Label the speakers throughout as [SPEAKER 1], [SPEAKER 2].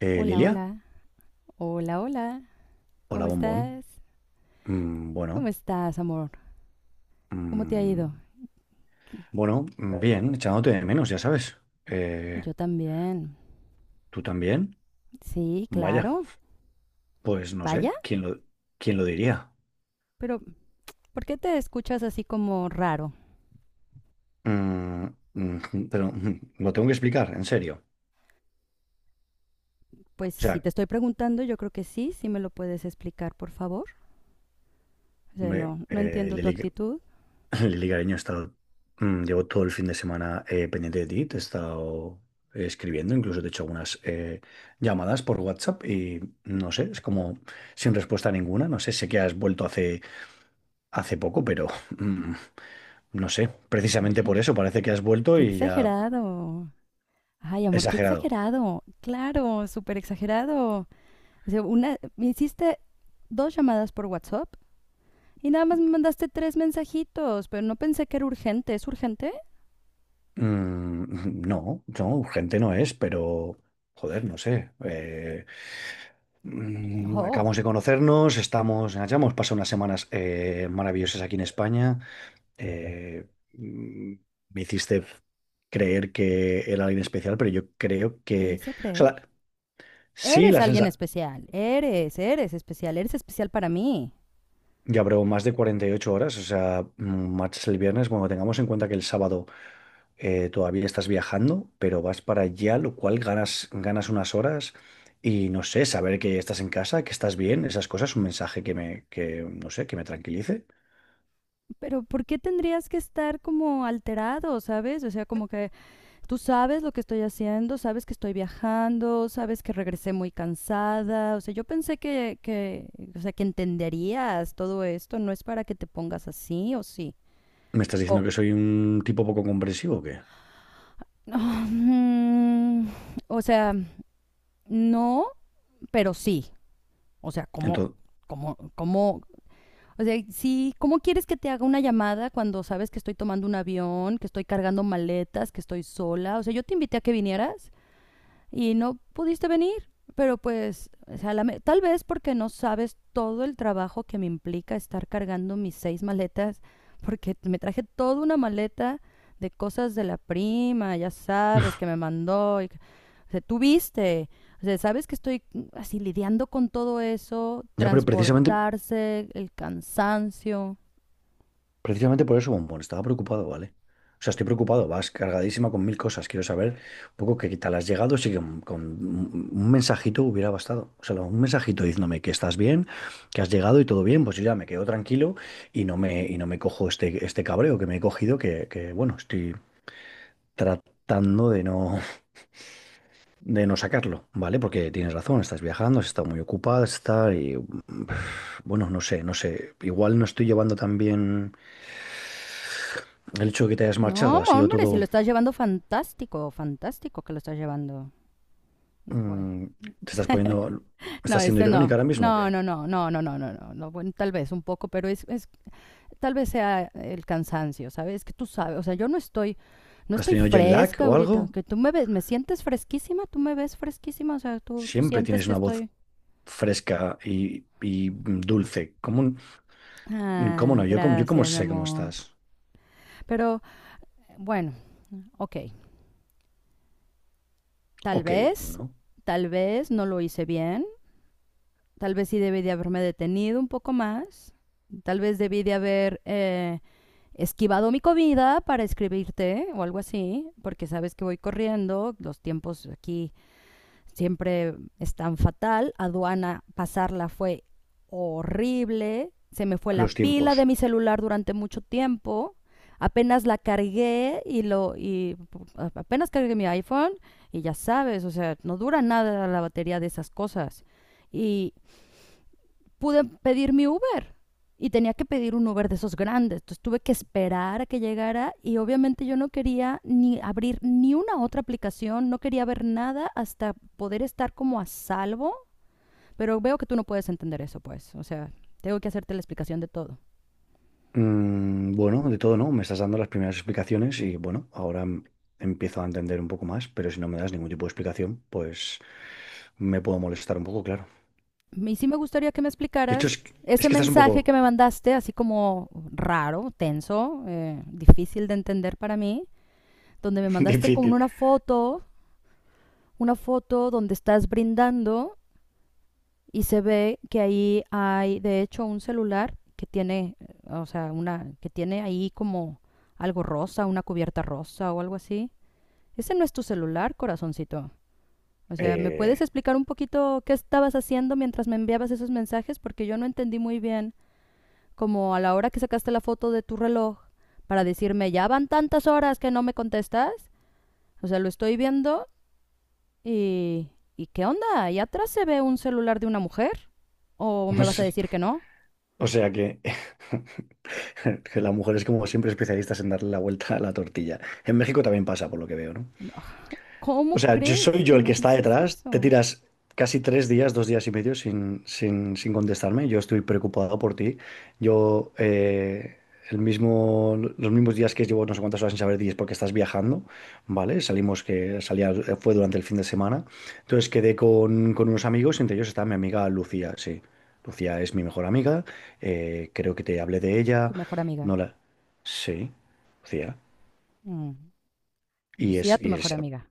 [SPEAKER 1] Hola,
[SPEAKER 2] Lilia,
[SPEAKER 1] hola, hola, hola, ¿cómo
[SPEAKER 2] hola bombón.
[SPEAKER 1] estás? ¿Cómo
[SPEAKER 2] Bueno,
[SPEAKER 1] estás, amor? ¿Cómo te ha
[SPEAKER 2] mm,
[SPEAKER 1] ido?
[SPEAKER 2] bueno, bien, echándote de menos, ya sabes. Eh,
[SPEAKER 1] Yo también.
[SPEAKER 2] ¿Tú también?
[SPEAKER 1] Sí,
[SPEAKER 2] Vaya,
[SPEAKER 1] claro.
[SPEAKER 2] pues no sé,
[SPEAKER 1] Vaya,
[SPEAKER 2] quién lo diría?
[SPEAKER 1] pero ¿por qué te escuchas así como raro?
[SPEAKER 2] Mm, mm, pero lo tengo que explicar, en serio.
[SPEAKER 1] Pues
[SPEAKER 2] O
[SPEAKER 1] si
[SPEAKER 2] sea,
[SPEAKER 1] te estoy preguntando, yo creo que sí, sí me lo puedes explicar, por favor. O sea,
[SPEAKER 2] hombre,
[SPEAKER 1] no entiendo tu
[SPEAKER 2] Lili,
[SPEAKER 1] actitud.
[SPEAKER 2] Lili, cariño, he estado, llevo todo el fin de semana pendiente de ti, te he estado escribiendo, incluso te he hecho algunas llamadas por WhatsApp y no sé, es como sin respuesta ninguna. No sé, sé que has vuelto hace poco, pero mm, no sé. Precisamente por
[SPEAKER 1] Ay,
[SPEAKER 2] eso parece que has vuelto
[SPEAKER 1] qué
[SPEAKER 2] y ya
[SPEAKER 1] exagerado. Ay, amor, qué
[SPEAKER 2] exagerado.
[SPEAKER 1] exagerado. Claro, súper exagerado. O sea, una, me hiciste dos llamadas por WhatsApp y nada más me mandaste tres mensajitos, pero no pensé que era urgente. ¿Es urgente?
[SPEAKER 2] No, no, urgente no es, pero joder, no sé.
[SPEAKER 1] Oh,
[SPEAKER 2] Acabamos de conocernos, estamos, ya hemos pasado unas semanas maravillosas aquí en España. eh, mm, Me hiciste creer que era alguien especial, pero yo creo
[SPEAKER 1] te
[SPEAKER 2] que,
[SPEAKER 1] hice
[SPEAKER 2] o sea,
[SPEAKER 1] creer.
[SPEAKER 2] sí,
[SPEAKER 1] Eres
[SPEAKER 2] la
[SPEAKER 1] alguien
[SPEAKER 2] sensación.
[SPEAKER 1] especial, eres, eres especial para mí.
[SPEAKER 2] Ya, pero más de 48 horas, o sea, marchas el viernes. Bueno, tengamos en cuenta que el sábado todavía estás viajando, pero vas para allá, lo cual ganas, ganas unas horas y no sé, saber que estás en casa, que estás bien, esas cosas, un mensaje que me, que, no sé, que me tranquilice.
[SPEAKER 1] Pero ¿por qué tendrías que estar como alterado, sabes? O sea, como que tú sabes lo que estoy haciendo, sabes que estoy viajando, sabes que regresé muy cansada. O sea, yo pensé que o sea, que entenderías todo esto, no es para que te pongas así o sí.
[SPEAKER 2] ¿Me estás
[SPEAKER 1] O,
[SPEAKER 2] diciendo que soy un tipo poco comprensivo o qué?
[SPEAKER 1] o sea, no, pero sí. O sea, ¿cómo,
[SPEAKER 2] Entonces,
[SPEAKER 1] cómo, cómo, o sea, sí, ¿cómo quieres que te haga una llamada cuando sabes que estoy tomando un avión, que estoy cargando maletas, que estoy sola? O sea, yo te invité a que vinieras y no pudiste venir. Pero pues, o sea, la me- tal vez porque no sabes todo el trabajo que me implica estar cargando mis seis maletas, porque me traje toda una maleta de cosas de la prima, ya sabes, que me mandó y o sea, tú viste, o sea, sabes que estoy así lidiando con todo eso,
[SPEAKER 2] ya, pero
[SPEAKER 1] transportarse, el cansancio.
[SPEAKER 2] Precisamente por eso, bombón, estaba preocupado, ¿vale? O sea, estoy preocupado, vas cargadísima con mil cosas. Quiero saber un poco qué tal has llegado, si con un mensajito hubiera bastado. O sea, un mensajito diciéndome que estás bien, que has llegado y todo bien, pues yo ya me quedo tranquilo y no me cojo este cabreo que me he cogido, bueno, estoy tratando de no, sacarlo, ¿vale? Porque tienes razón, estás viajando, has estado muy ocupada, está y bueno, no sé, no sé. Igual no estoy llevando tan bien el hecho de que te hayas
[SPEAKER 1] No,
[SPEAKER 2] marchado, ha sido
[SPEAKER 1] hombre, si lo
[SPEAKER 2] todo.
[SPEAKER 1] estás llevando fantástico, fantástico que lo estás llevando. Bueno.
[SPEAKER 2] Mm, ¿te estás poniendo,
[SPEAKER 1] No,
[SPEAKER 2] Estás siendo
[SPEAKER 1] este
[SPEAKER 2] irónica
[SPEAKER 1] no.
[SPEAKER 2] ahora mismo o
[SPEAKER 1] No,
[SPEAKER 2] qué?
[SPEAKER 1] no, no, no, no, no, no, no, no. Bueno, tal vez un poco, pero es tal vez sea el cansancio, ¿sabes? Que tú sabes, o sea, yo no
[SPEAKER 2] ¿Has
[SPEAKER 1] estoy
[SPEAKER 2] tenido jet lag
[SPEAKER 1] fresca
[SPEAKER 2] o algo?
[SPEAKER 1] ahorita, que tú me ves, me sientes fresquísima, tú me ves fresquísima, o sea, tú
[SPEAKER 2] Siempre
[SPEAKER 1] sientes
[SPEAKER 2] tienes
[SPEAKER 1] que
[SPEAKER 2] una voz
[SPEAKER 1] estoy
[SPEAKER 2] fresca y dulce. ¿Cómo
[SPEAKER 1] Ay,
[SPEAKER 2] no? Yo cómo
[SPEAKER 1] gracias, mi
[SPEAKER 2] sé cómo
[SPEAKER 1] amor.
[SPEAKER 2] estás.
[SPEAKER 1] Pero bueno, ok. Tal
[SPEAKER 2] Ok,
[SPEAKER 1] vez,
[SPEAKER 2] ¿no?
[SPEAKER 1] tal vez no lo hice bien. Tal vez sí debí de haberme detenido un poco más. Tal vez debí de haber esquivado mi comida para escribirte o algo así, porque sabes que voy corriendo, los tiempos aquí siempre es tan fatal. Aduana, pasarla fue horrible. Se me fue la
[SPEAKER 2] Los
[SPEAKER 1] pila de
[SPEAKER 2] tiempos.
[SPEAKER 1] mi celular durante mucho tiempo. Apenas la cargué y apenas cargué mi iPhone y ya sabes, o sea, no dura nada la batería de esas cosas. Y, pude pedir mi Uber y tenía que pedir un Uber de esos grandes. Entonces tuve que esperar a que llegara y obviamente yo no quería ni abrir ni una otra aplicación, no quería ver nada hasta poder estar como a salvo. Pero veo que tú no puedes entender eso, pues. O sea, tengo que hacerte la explicación de todo.
[SPEAKER 2] Bueno, de todo, ¿no? Me estás dando las primeras explicaciones y bueno, ahora empiezo a entender un poco más, pero si no me das ningún tipo de explicación, pues me puedo molestar un poco, claro.
[SPEAKER 1] Y sí me gustaría que me
[SPEAKER 2] De hecho,
[SPEAKER 1] explicaras
[SPEAKER 2] es
[SPEAKER 1] ese
[SPEAKER 2] que estás un
[SPEAKER 1] mensaje
[SPEAKER 2] poco
[SPEAKER 1] que me mandaste, así como raro, tenso, difícil de entender para mí, donde me mandaste con
[SPEAKER 2] difícil.
[SPEAKER 1] una foto donde estás brindando y se ve que ahí hay, de hecho, un celular que tiene, o sea, una, que tiene ahí como algo rosa, una cubierta rosa o algo así. Ese no es tu celular, corazoncito. O sea, ¿me puedes
[SPEAKER 2] Eh,
[SPEAKER 1] explicar un poquito qué estabas haciendo mientras me enviabas esos mensajes? Porque yo no entendí muy bien, como a la hora que sacaste la foto de tu reloj para decirme, ya van tantas horas que no me contestas. O sea, lo estoy viendo y... ¿Y qué onda? ¿Ahí atrás se ve un celular de una mujer? ¿O me vas a decir que no?
[SPEAKER 2] o sea que... Que la mujer es como siempre especialistas en darle la vuelta a la tortilla. En México también pasa, por lo que veo, ¿no?
[SPEAKER 1] ¿Cómo
[SPEAKER 2] O sea, yo
[SPEAKER 1] crees
[SPEAKER 2] soy
[SPEAKER 1] que
[SPEAKER 2] yo el que
[SPEAKER 1] me
[SPEAKER 2] está
[SPEAKER 1] dices
[SPEAKER 2] detrás. Te
[SPEAKER 1] eso?
[SPEAKER 2] tiras casi 3 días, 2 días y medio sin contestarme. Yo estoy preocupado por ti. Yo, los mismos días que llevo no sé cuántas horas sin saber de ti es porque estás viajando, ¿vale? Salimos que salía, fue durante el fin de semana. Entonces quedé con unos amigos, entre ellos está mi amiga Lucía, sí. Lucía es mi mejor amiga. Creo que te hablé de ella.
[SPEAKER 1] Tu mejor amiga.
[SPEAKER 2] No la... Sí, Lucía.
[SPEAKER 1] Mm, Lucía, tu
[SPEAKER 2] Y
[SPEAKER 1] mejor
[SPEAKER 2] es
[SPEAKER 1] amiga.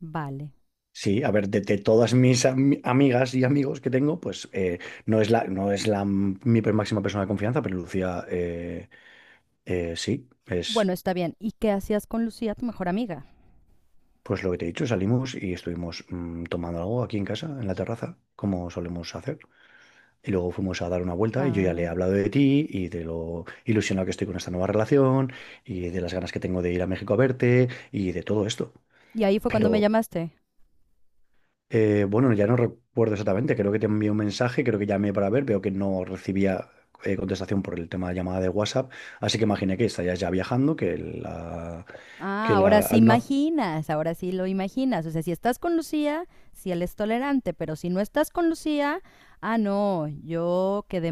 [SPEAKER 1] Vale.
[SPEAKER 2] Sí, a ver, de todas mis amigas y amigos que tengo, pues no es la máxima persona de confianza, pero Lucía, sí, es
[SPEAKER 1] Bueno, está bien. ¿Y qué hacías con Lucía, tu mejor amiga?
[SPEAKER 2] pues lo que te he dicho, salimos y estuvimos tomando algo aquí en casa, en la terraza, como solemos hacer. Y luego fuimos a dar una vuelta y yo ya le he
[SPEAKER 1] Ah.
[SPEAKER 2] hablado de ti y de lo ilusionado que estoy con esta nueva relación y de las ganas que tengo de ir a México a verte y de todo esto.
[SPEAKER 1] Y ahí fue cuando me
[SPEAKER 2] Pero
[SPEAKER 1] llamaste.
[SPEAKER 2] Bueno, ya no recuerdo exactamente, creo que te envié un mensaje, creo que llamé para ver, veo que no recibía contestación por el tema de llamada de WhatsApp, así que imaginé que estarías ya viajando,
[SPEAKER 1] Ah,
[SPEAKER 2] que
[SPEAKER 1] ahora
[SPEAKER 2] la...
[SPEAKER 1] sí
[SPEAKER 2] al no haz-
[SPEAKER 1] imaginas, ahora sí lo imaginas. O sea, si estás con Lucía, si él es tolerante, pero si no estás con Lucía, ah, no, yo quedé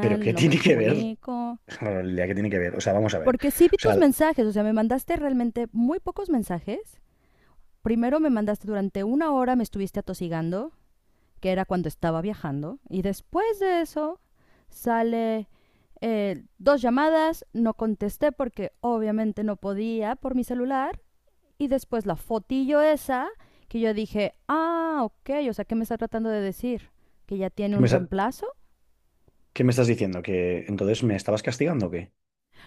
[SPEAKER 2] Pero ¿qué
[SPEAKER 1] no me
[SPEAKER 2] tiene que ver?
[SPEAKER 1] comunico.
[SPEAKER 2] Realidad, ¿qué tiene que ver? O sea, vamos a ver.
[SPEAKER 1] Porque sí vi
[SPEAKER 2] O
[SPEAKER 1] tus
[SPEAKER 2] sea,
[SPEAKER 1] mensajes, o sea, me mandaste realmente muy pocos mensajes. Primero me mandaste durante una hora, me estuviste atosigando. Que era cuando estaba viajando. Y después de eso sale dos llamadas, no contesté porque obviamente no podía por mi celular. Y después la fotillo esa que yo dije, ah, ok, o sea, ¿qué me está tratando de decir? ¿Que ya tiene
[SPEAKER 2] ¿qué
[SPEAKER 1] un
[SPEAKER 2] me, sa-
[SPEAKER 1] reemplazo?
[SPEAKER 2] qué me estás diciendo? ¿Que entonces me estabas castigando o qué?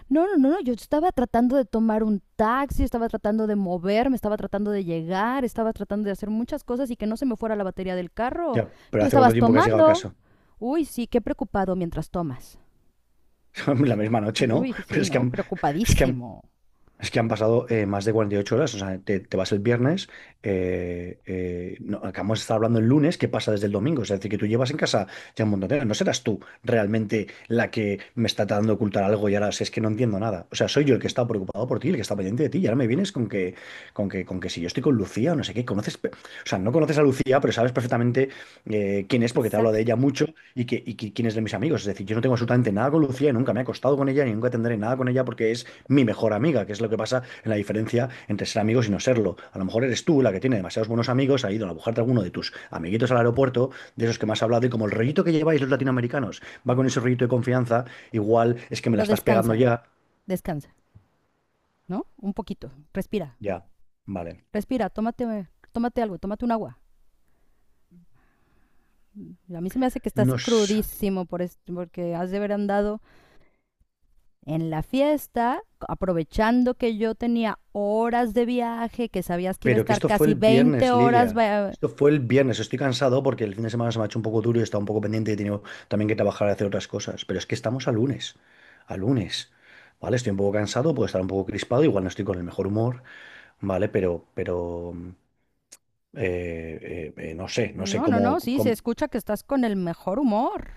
[SPEAKER 1] No, no, no, no, yo estaba tratando de tomar un taxi, estaba tratando de moverme, estaba tratando de llegar, estaba tratando de hacer muchas cosas y que no se me fuera la batería del carro.
[SPEAKER 2] Ya, pero
[SPEAKER 1] Tú
[SPEAKER 2] ¿hace cuánto
[SPEAKER 1] estabas
[SPEAKER 2] tiempo que has llegado a
[SPEAKER 1] tomando.
[SPEAKER 2] casa?
[SPEAKER 1] Uy, sí, qué preocupado mientras tomas.
[SPEAKER 2] La misma noche, ¿no?
[SPEAKER 1] Uy,
[SPEAKER 2] Pero
[SPEAKER 1] sí, ¿no?
[SPEAKER 2] es que han...
[SPEAKER 1] Preocupadísimo.
[SPEAKER 2] es que han pasado más de 48 horas, o sea, te vas el viernes, no, acabamos de estar hablando el lunes, ¿qué pasa desde el domingo? Es decir, que tú llevas en casa ya un montón de horas. No serás tú realmente la que me está tratando de ocultar algo y ahora si es que no entiendo nada. O sea, soy yo el que está preocupado por ti, el que está pendiente de ti, y ahora me vienes con que si yo estoy con Lucía o no sé qué, o sea, no conoces a Lucía, pero sabes perfectamente quién es porque te hablo de
[SPEAKER 1] Exacto.
[SPEAKER 2] ella mucho quién es de mis amigos. Es decir, yo no tengo absolutamente nada con Lucía, y nunca me he acostado con ella, ni nunca tendré nada con ella porque es mi mejor amiga, que es lo que pasa en la diferencia entre ser amigos y no serlo. A lo mejor eres tú la que tiene demasiados buenos amigos, ha ido a buscarte alguno de tus amiguitos al aeropuerto, de esos que más has hablado, y como el rollito que lleváis los latinoamericanos va con ese rollito de confianza, igual es que me la
[SPEAKER 1] Pero
[SPEAKER 2] estás pegando
[SPEAKER 1] descansa,
[SPEAKER 2] ya.
[SPEAKER 1] descansa, ¿no? Un poquito. Respira,
[SPEAKER 2] Ya, vale.
[SPEAKER 1] respira, tómate, tómate algo, tómate un agua. A mí se me hace que estás
[SPEAKER 2] No,
[SPEAKER 1] crudísimo porque has de haber andado en la fiesta, aprovechando que yo tenía horas de viaje, que sabías que iba a
[SPEAKER 2] pero que
[SPEAKER 1] estar
[SPEAKER 2] esto fue
[SPEAKER 1] casi
[SPEAKER 2] el
[SPEAKER 1] 20
[SPEAKER 2] viernes,
[SPEAKER 1] horas.
[SPEAKER 2] Lilia.
[SPEAKER 1] Va-
[SPEAKER 2] Esto fue el viernes, estoy cansado porque el fin de semana se me ha hecho un poco duro y he estado un poco pendiente y he tenido también que trabajar y hacer otras cosas. Pero es que estamos a lunes, a lunes. Vale, estoy un poco cansado, puedo estar un poco crispado, igual no estoy con el mejor humor. ¿Vale? Pero, no sé, no sé
[SPEAKER 1] No, no, no, sí, se escucha que estás con el mejor humor.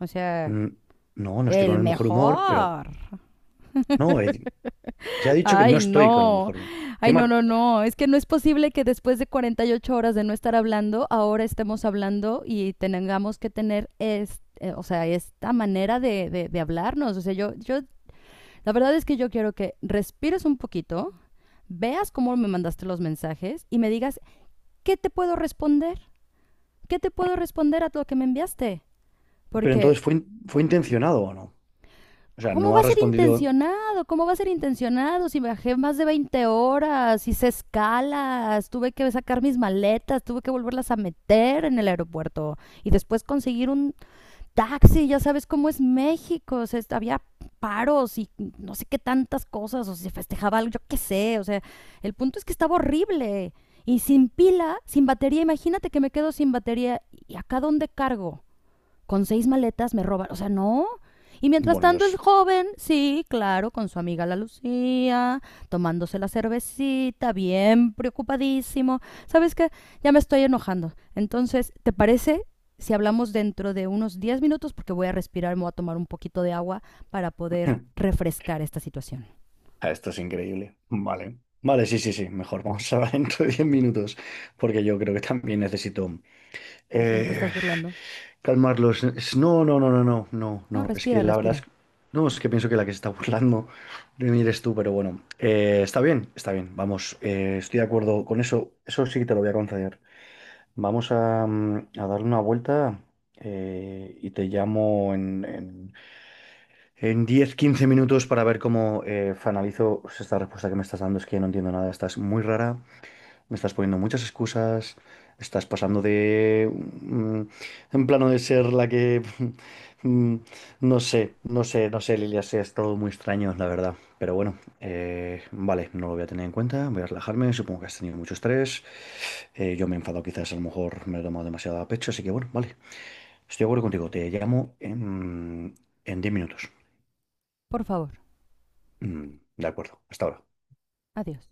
[SPEAKER 1] O sea,
[SPEAKER 2] mm, No, no estoy con
[SPEAKER 1] el
[SPEAKER 2] el mejor humor, pero...
[SPEAKER 1] mejor.
[SPEAKER 2] No, ya he dicho que no
[SPEAKER 1] Ay,
[SPEAKER 2] estoy con el
[SPEAKER 1] no.
[SPEAKER 2] mejor humor.
[SPEAKER 1] Ay, no,
[SPEAKER 2] Encima,
[SPEAKER 1] no, no. Es que no es posible que después de 48 horas de no estar hablando, ahora estemos hablando y tengamos que tener o sea, esta manera de hablarnos. O sea, yo, la verdad es que yo quiero que respires un poquito, veas cómo me mandaste los mensajes y me digas, ¿qué te puedo responder? ¿Qué te puedo responder a lo que me enviaste?
[SPEAKER 2] pero
[SPEAKER 1] Porque
[SPEAKER 2] entonces ¿fue intencionado o no? O sea,
[SPEAKER 1] ¿cómo
[SPEAKER 2] no
[SPEAKER 1] va
[SPEAKER 2] ha
[SPEAKER 1] a ser
[SPEAKER 2] respondido...
[SPEAKER 1] intencionado? ¿Cómo va a ser intencionado? Si viajé más de 20 horas, hice escalas, tuve que sacar mis maletas, tuve que volverlas a meter en el aeropuerto y después conseguir un taxi, ya sabes cómo es México, o sea, es- había paros y no sé qué tantas cosas, o si se festejaba algo, yo qué sé, o sea, el punto es que estaba horrible y sin pila, sin batería, imagínate que me quedo sin batería y acá dónde cargo. Con seis maletas me roban. O sea, no. Y mientras
[SPEAKER 2] Bueno,
[SPEAKER 1] tanto el
[SPEAKER 2] los...
[SPEAKER 1] joven, sí, claro, con su amiga la Lucía, tomándose la cervecita, bien preocupadísimo. ¿Sabes qué? Ya me estoy enojando. Entonces, ¿te parece si hablamos dentro de unos 10 minutos? Porque voy a respirar, me voy a tomar un poquito de agua para poder refrescar esta situación.
[SPEAKER 2] Ah, esto es increíble. Vale. Vale, sí, sí, sí, mejor. Vamos a hablar dentro de 10 minutos, porque yo creo que también necesito...
[SPEAKER 1] ¿Te
[SPEAKER 2] eh,
[SPEAKER 1] estás burlando?
[SPEAKER 2] Calmarlos. No, no, no, no, no, no,
[SPEAKER 1] No,
[SPEAKER 2] no. Es que
[SPEAKER 1] respira,
[SPEAKER 2] la verdad
[SPEAKER 1] respira.
[SPEAKER 2] es... No, es que pienso que la que se está burlando de mí eres tú, pero bueno. Está bien, está bien. Vamos, estoy de acuerdo con eso. Eso sí que te lo voy a conceder. Vamos a darle una vuelta y te llamo en 10, 15 minutos para ver cómo finalizo pues, esta respuesta que me estás dando. Es que no entiendo nada. Estás muy rara. Me estás poniendo muchas excusas, estás pasando de en plano de ser la que mm, no sé, no sé, no sé, Lilia, sí, es todo muy extraño, la verdad. Pero bueno, vale, no lo voy a tener en cuenta, voy a relajarme, supongo que has tenido mucho estrés, yo me he enfadado quizás, a lo mejor me lo he tomado demasiado a pecho, así que bueno, vale, estoy de acuerdo contigo, te llamo en 10 minutos.
[SPEAKER 1] Por favor.
[SPEAKER 2] Mm, de acuerdo, hasta ahora.
[SPEAKER 1] Adiós.